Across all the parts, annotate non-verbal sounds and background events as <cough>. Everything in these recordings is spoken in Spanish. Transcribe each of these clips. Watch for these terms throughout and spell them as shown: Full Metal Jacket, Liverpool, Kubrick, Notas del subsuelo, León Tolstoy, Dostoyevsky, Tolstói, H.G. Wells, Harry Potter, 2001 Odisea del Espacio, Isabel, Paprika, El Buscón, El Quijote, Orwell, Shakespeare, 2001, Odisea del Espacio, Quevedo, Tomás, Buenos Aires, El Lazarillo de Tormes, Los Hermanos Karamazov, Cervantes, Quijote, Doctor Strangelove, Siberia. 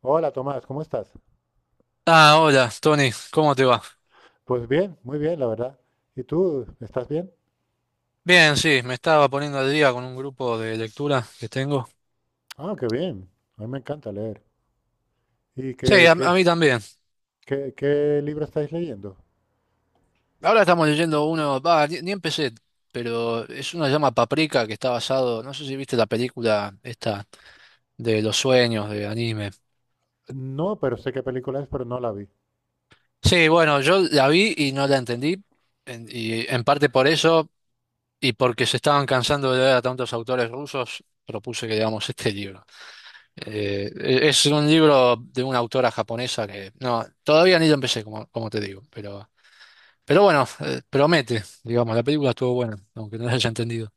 Hola Tomás, ¿cómo estás? Ah, hola, Tony, ¿cómo te va? Pues bien, muy bien, la verdad. ¿Y tú, estás bien? Bien, sí, me estaba poniendo al día con un grupo de lectura que tengo. Ah, qué bien. A mí me encanta leer. ¿Y Sí, qué, a qué, mí también. qué, qué libro estáis leyendo? Ahora estamos leyendo uno, va, ni empecé, pero es una llama Paprika que está basado, no sé si viste la película esta de los sueños de anime. No, pero sé qué película es, pero no la vi. Sí, bueno, yo la vi y no la entendí, y en parte por eso, y porque se estaban cansando de leer a tantos autores rusos, propuse que leamos este libro. Eh, es un libro de una autora japonesa que no, todavía ni lo empecé, como, como te digo, pero bueno, promete, digamos, la película estuvo buena, aunque no la haya entendido.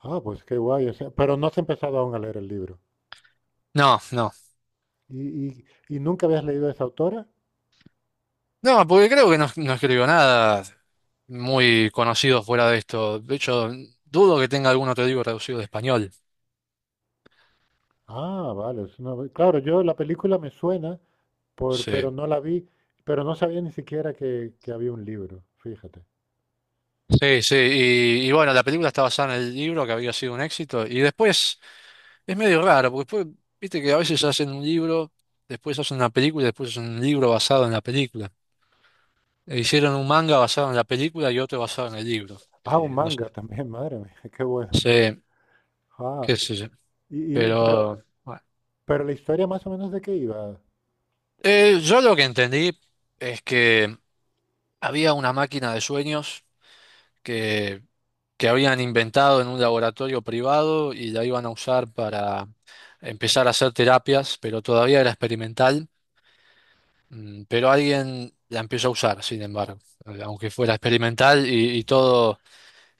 Ah, pues qué guay. O sea, pero no has empezado aún a leer el libro. No, no, ¿Y, y nunca habías leído a esa autora? no, porque creo que no escribió nada muy conocido fuera de esto. De hecho, dudo que tenga algún otro libro traducido de español. Ah, vale. Es Claro, yo la película me suena, pero Sí. no la vi, pero no sabía ni siquiera que había un libro, fíjate. Sí, sí, y bueno, la película está basada en el libro que había sido un éxito, y después es medio raro, porque después, viste que a veces hacen un libro, después hacen una película y después hacen un libro basado en la película. E hicieron un manga basado en la película y otro basado en el libro. Ah, un No sé. manga también, <laughs> madre mía, qué bueno. Sí, Ah, qué sé yo. y, y- pero Pero bueno. Pero la historia más o menos de qué iba. Yo lo que entendí es que había una máquina de sueños que, que habían inventado en un laboratorio privado y la iban a usar para empezar a hacer terapias, pero todavía era experimental. Pero alguien la empezó a usar, sin embargo, aunque fuera experimental y todo.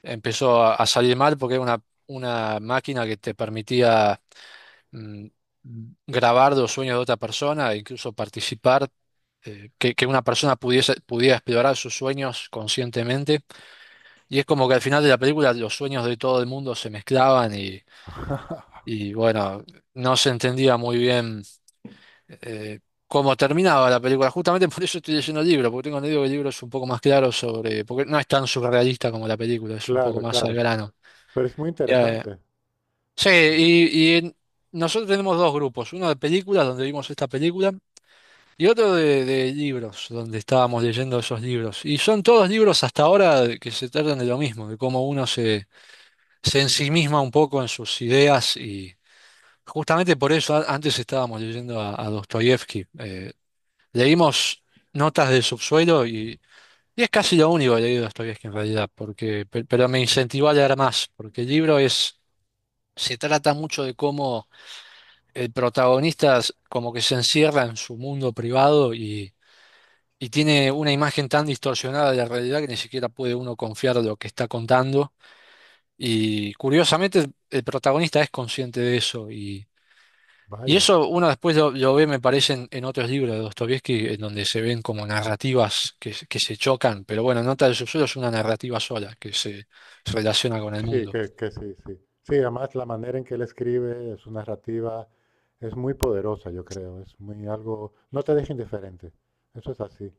Empezó a salir mal porque era una máquina que te permitía mm, grabar los sueños de otra persona e incluso participar, que una persona pudiera explorar sus sueños conscientemente. Y es como que al final de la película los sueños de todo el mundo se mezclaban y, y bueno, no se entendía muy bien eh, cómo terminaba la película. Justamente <laughs> por eso estoy leyendo el libro, porque tengo entendido que el libro es un poco más claro sobre, porque no es tan surrealista como la película, es un poco Claro, más al claro. grano. Pero es muy interesante. Sí, y nosotros tenemos dos grupos, uno de películas, donde vimos esta película, y otro de libros, donde estábamos leyendo esos libros. Y son todos libros hasta ahora que se tratan de lo mismo, de cómo uno se, se ensimisma un poco en sus ideas, y justamente por eso antes estábamos leyendo a Dostoyevsky. Leímos Notas del Subsuelo y es casi lo único que leí de Dostoyevsky en realidad, porque, pero me incentivó a leer más, porque el libro es, se trata mucho de cómo el protagonista como que se encierra en su mundo privado y tiene una imagen tan distorsionada de la realidad que ni siquiera puede uno confiar en lo que está contando. Y curiosamente el protagonista es consciente de eso y Vaya. eso uno después lo ve, me parece, en otros libros de Dostoyevsky, en donde se ven como narrativas que, que se chocan, pero bueno, Nota del Subsuelo es una narrativa sola que se relaciona con el Sí, mundo. Sí. Sí, además la manera en que él escribe, su narrativa, es muy poderosa, yo creo. Es muy algo. No te deja indiferente. Eso es así.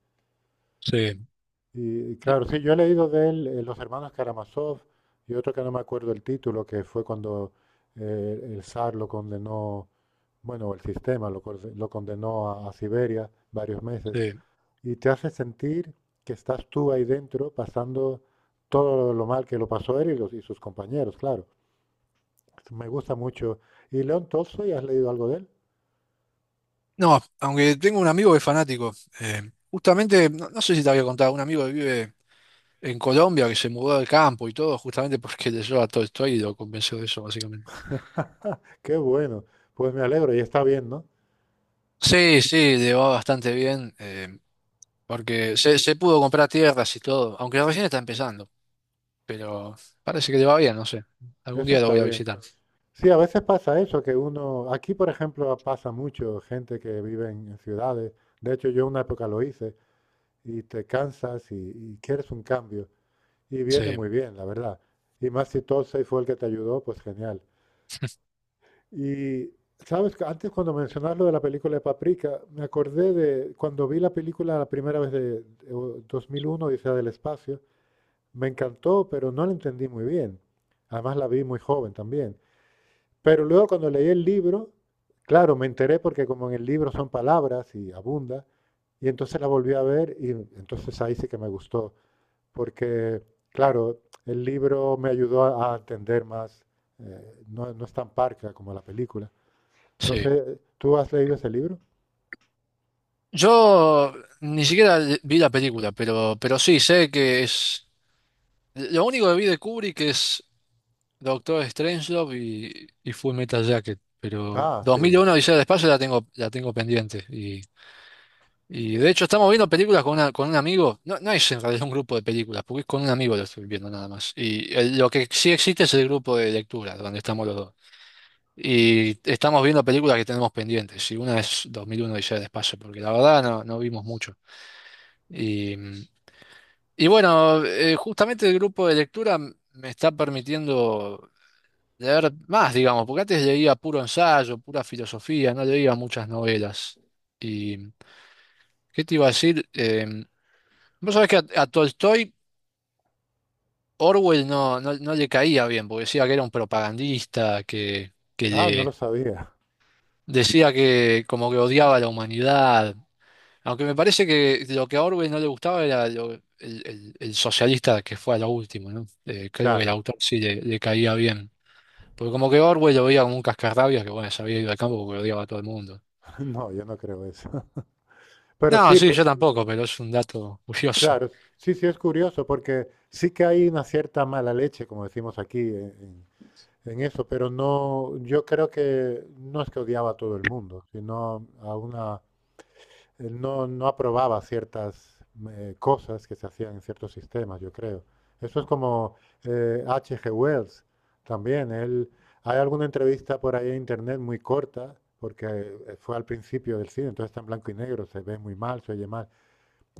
Sí, Y claro, sí, yo he leído de él Los Hermanos Karamazov y otro que no me acuerdo el título, que fue cuando el zar lo condenó, bueno, el sistema lo condenó a Siberia varios meses. sí. Y te hace sentir que estás tú ahí dentro pasando todo lo mal que lo pasó él y, los, y sus compañeros, claro. Me gusta mucho. ¿Y León Tolstoy, has leído algo de él? No, aunque tengo un amigo que es fanático. Justamente, no sé si te había contado, un amigo que vive en Colombia que se mudó al campo y todo, justamente porque leyó a Tolstói y lo convenció de eso, básicamente. <laughs> Qué bueno. Pues me alegro y está bien, ¿no? Sí, sí, le va bastante bien, porque se pudo comprar tierras y todo, aunque recién está empezando, pero parece que le va bien, no sé. Algún Eso día lo está voy a bien. visitar. Sí, a veces pasa eso, que uno, aquí por ejemplo pasa mucho gente que vive en ciudades, de hecho yo una época lo hice, y te cansas y quieres un cambio, y viene Sí, muy bien, la verdad. Y más si Tolstoy fue el que te ayudó, pues genial. Y sabes que antes cuando mencionas lo de la película de Paprika, me acordé de cuando vi la película la primera vez de 2001, Odisea del Espacio, me encantó, pero no la entendí muy bien. Además la vi muy joven también. Pero luego cuando leí el libro, claro, me enteré porque como en el libro son palabras y abunda, y entonces la volví a ver y entonces ahí sí que me gustó, porque claro, el libro me ayudó a entender más, no, no es tan parca como la película. No sí. sé, ¿tú has leído ese libro? Yo ni siquiera vi la película, pero sí, sé que es... Lo único que vi de Kubrick es Doctor Strangelove y Full Metal Jacket. Pero Ah, sí. 2001 Odisea del Espacio la tengo pendiente. Y de hecho estamos viendo películas con, con un amigo. No, no es en realidad un grupo de películas, porque es con un amigo lo estoy viendo nada más. Y lo que sí existe es el grupo de lectura, donde estamos los dos. Y estamos viendo películas que tenemos pendientes. Y una es 2001 Odisea del Espacio, porque la verdad no vimos mucho. Y, y bueno, justamente el grupo de lectura me está permitiendo de ver más, digamos, porque antes leía puro ensayo, pura filosofía, no leía muchas novelas. ¿Y qué te iba a decir? Vos sabés que a Tolstoy Orwell no le caía bien, porque decía que era un propagandista, que Ah, no lo le sabía. decía que como que odiaba a la humanidad, aunque me parece que lo que a Orwell no le gustaba era el, el socialista que fue a lo último, ¿no? Creo que el Claro. autor sí le caía bien. Porque como que Orwell lo veía como un cascarrabias que bueno, se había ido al campo porque odiaba a todo el mundo. <laughs> No, yo no creo eso. <laughs> Pero No, sí, sí, pues, yo tampoco, pero es un dato curioso. claro. Sí, sí, es curioso porque sí que hay una cierta mala leche, como decimos aquí, eso, pero no, yo creo que no es que odiaba a todo el mundo, sino a una, él no, no aprobaba ciertas cosas que se hacían en ciertos sistemas, yo creo. Eso es como H.G. Wells también. Él, hay alguna entrevista por ahí en internet muy corta, porque fue al principio del cine, entonces está en blanco y negro, se ve muy mal, se oye mal.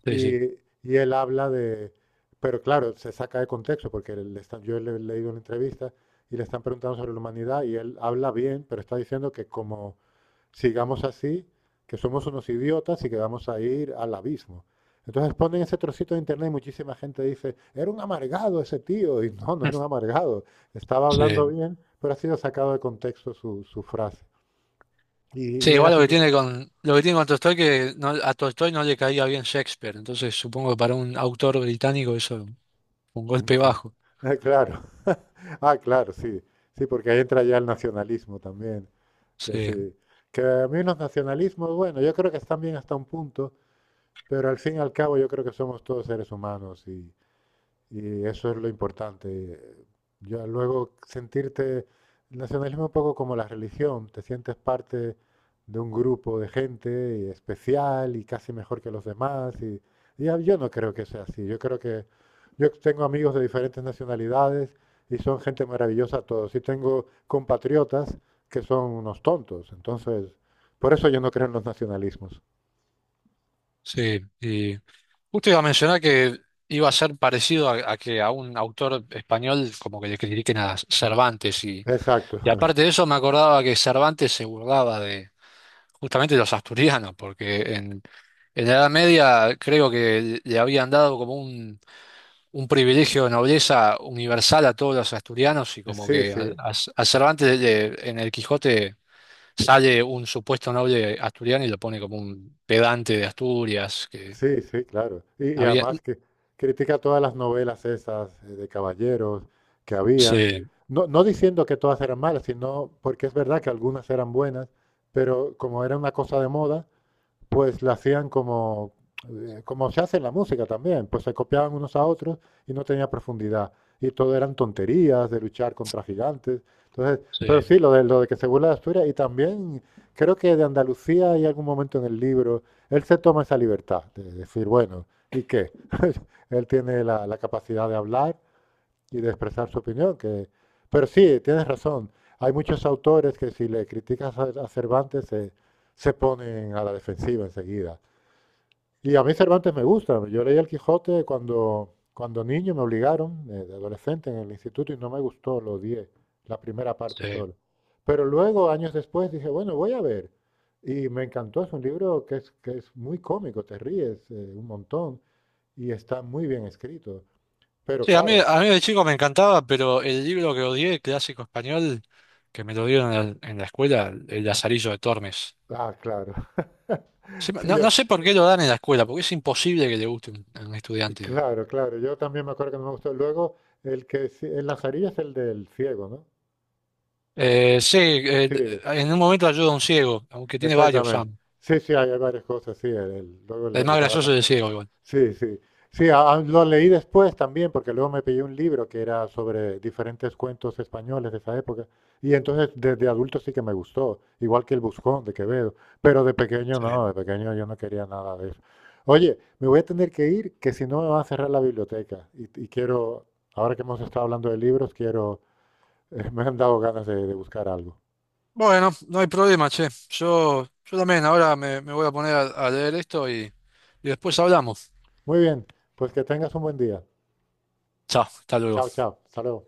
Sí, sí. Y, y él habla de. Pero claro, se saca de contexto, porque le están- yo le he leído una entrevista y le están preguntando sobre la humanidad y él habla bien, pero está diciendo que como sigamos así, que somos unos idiotas y que vamos a ir al abismo. Entonces ponen ese trocito de internet y muchísima gente dice, era un amargado ese tío. Y no, no era un <laughs> amargado. Estaba hablando Sí. bien, pero ha sido sacado de contexto su frase. Sí, Y era igual lo que simple. tiene con, lo que tiene con Tolstoy que a Tolstoy no le caía bien Shakespeare, entonces supongo que para un autor británico eso fue un golpe bajo. Claro. <laughs> Ah, claro, sí. Sí, porque ahí entra ya el nacionalismo también. Que Sí, sí. Que a mí los nacionalismos, bueno, yo creo que están bien hasta un punto, pero al fin y al cabo yo creo que somos todos seres humanos y eso es lo importante. Ya luego sentirte, el nacionalismo es un poco como la religión, te sientes parte de un grupo de gente y especial y casi mejor que los demás. Y, yo no creo que sea así. Yo creo que yo tengo amigos de diferentes nacionalidades y son gente maravillosa todos. Y tengo compatriotas que son unos tontos. Entonces, por eso yo no creo en los nacionalismos. sí. Y justo iba a mencionar que iba a ser parecido a que a un autor español como que le critiquen a Cervantes Exacto. y <laughs> aparte de eso me acordaba que Cervantes se burlaba justamente los asturianos, porque en la Edad Media creo que le habían dado como un privilegio de nobleza universal a todos los asturianos y como Sí, que a, sí. a Cervantes en el Quijote sale un supuesto noble asturiano y lo pone como un pedante de Asturias, que Sí, sí, claro. Y había... además que critica todas las novelas esas de caballeros que habían. Sí, No, no diciendo que todas eran malas, sino porque es verdad que algunas eran buenas, pero como era una cosa de moda, pues la hacían como, como se hace en la música también, pues se copiaban unos a otros y no tenía profundidad. Y todo eran tonterías de luchar contra gigantes. Entonces, pero sí, sí, lo de que se burla de Asturias y también creo que de Andalucía hay algún momento en el libro, él se toma esa libertad de decir, bueno, ¿y qué? <laughs> Él tiene la, la capacidad de hablar y de expresar su opinión. Que. Pero sí, tienes razón. Hay muchos autores que si le criticas a Cervantes se ponen a la defensiva enseguida. Y a mí Cervantes me gusta. Yo leí El Quijote cuando niño, me obligaron, de adolescente en el instituto, y no me gustó, lo odié, la primera parte sí. solo. Pero luego, años después, dije, bueno, voy a ver. Y me encantó, es un libro que es muy cómico, te ríes un montón y está muy bien escrito. Pero Sí, a mí, claro, a mí de chico me encantaba, pero el libro que odié, clásico español, que me lo dieron en la escuela, El Lazarillo de Tormes. ah, claro. <laughs> Sí, Sí, No, yo, no sé por qué lo dan en la escuela, porque es imposible que le guste a un estudiante. claro, claro. Yo también me acuerdo que no me gustó. Luego, el que sí- en las orillas es el del ciego, ¿no? Sí, Sí, en un momento ayuda a un ciego, aunque tiene varios exactamente. Sam. Sí, sí, hay hay varias cosas, sí. Luego El más gracioso es el ciego igual. sí, sí. Sí, lo leí después también, porque luego me pillé un libro que era sobre diferentes cuentos españoles de esa época. Y entonces desde adulto sí que me gustó, igual que El Buscón de Quevedo. Pero de pequeño no, Sí. de pequeño yo no quería nada de eso. Oye, me voy a tener que ir, que si no me va a cerrar la biblioteca. Y quiero, ahora que hemos estado hablando de libros, quiero, <laughs> me han dado ganas de buscar algo. Bueno, no hay problema, che. Yo también ahora me, me voy a poner a leer esto y después hablamos. Muy bien, pues que tengas un buen día. Chao, hasta luego. Chao, chao. Hasta luego.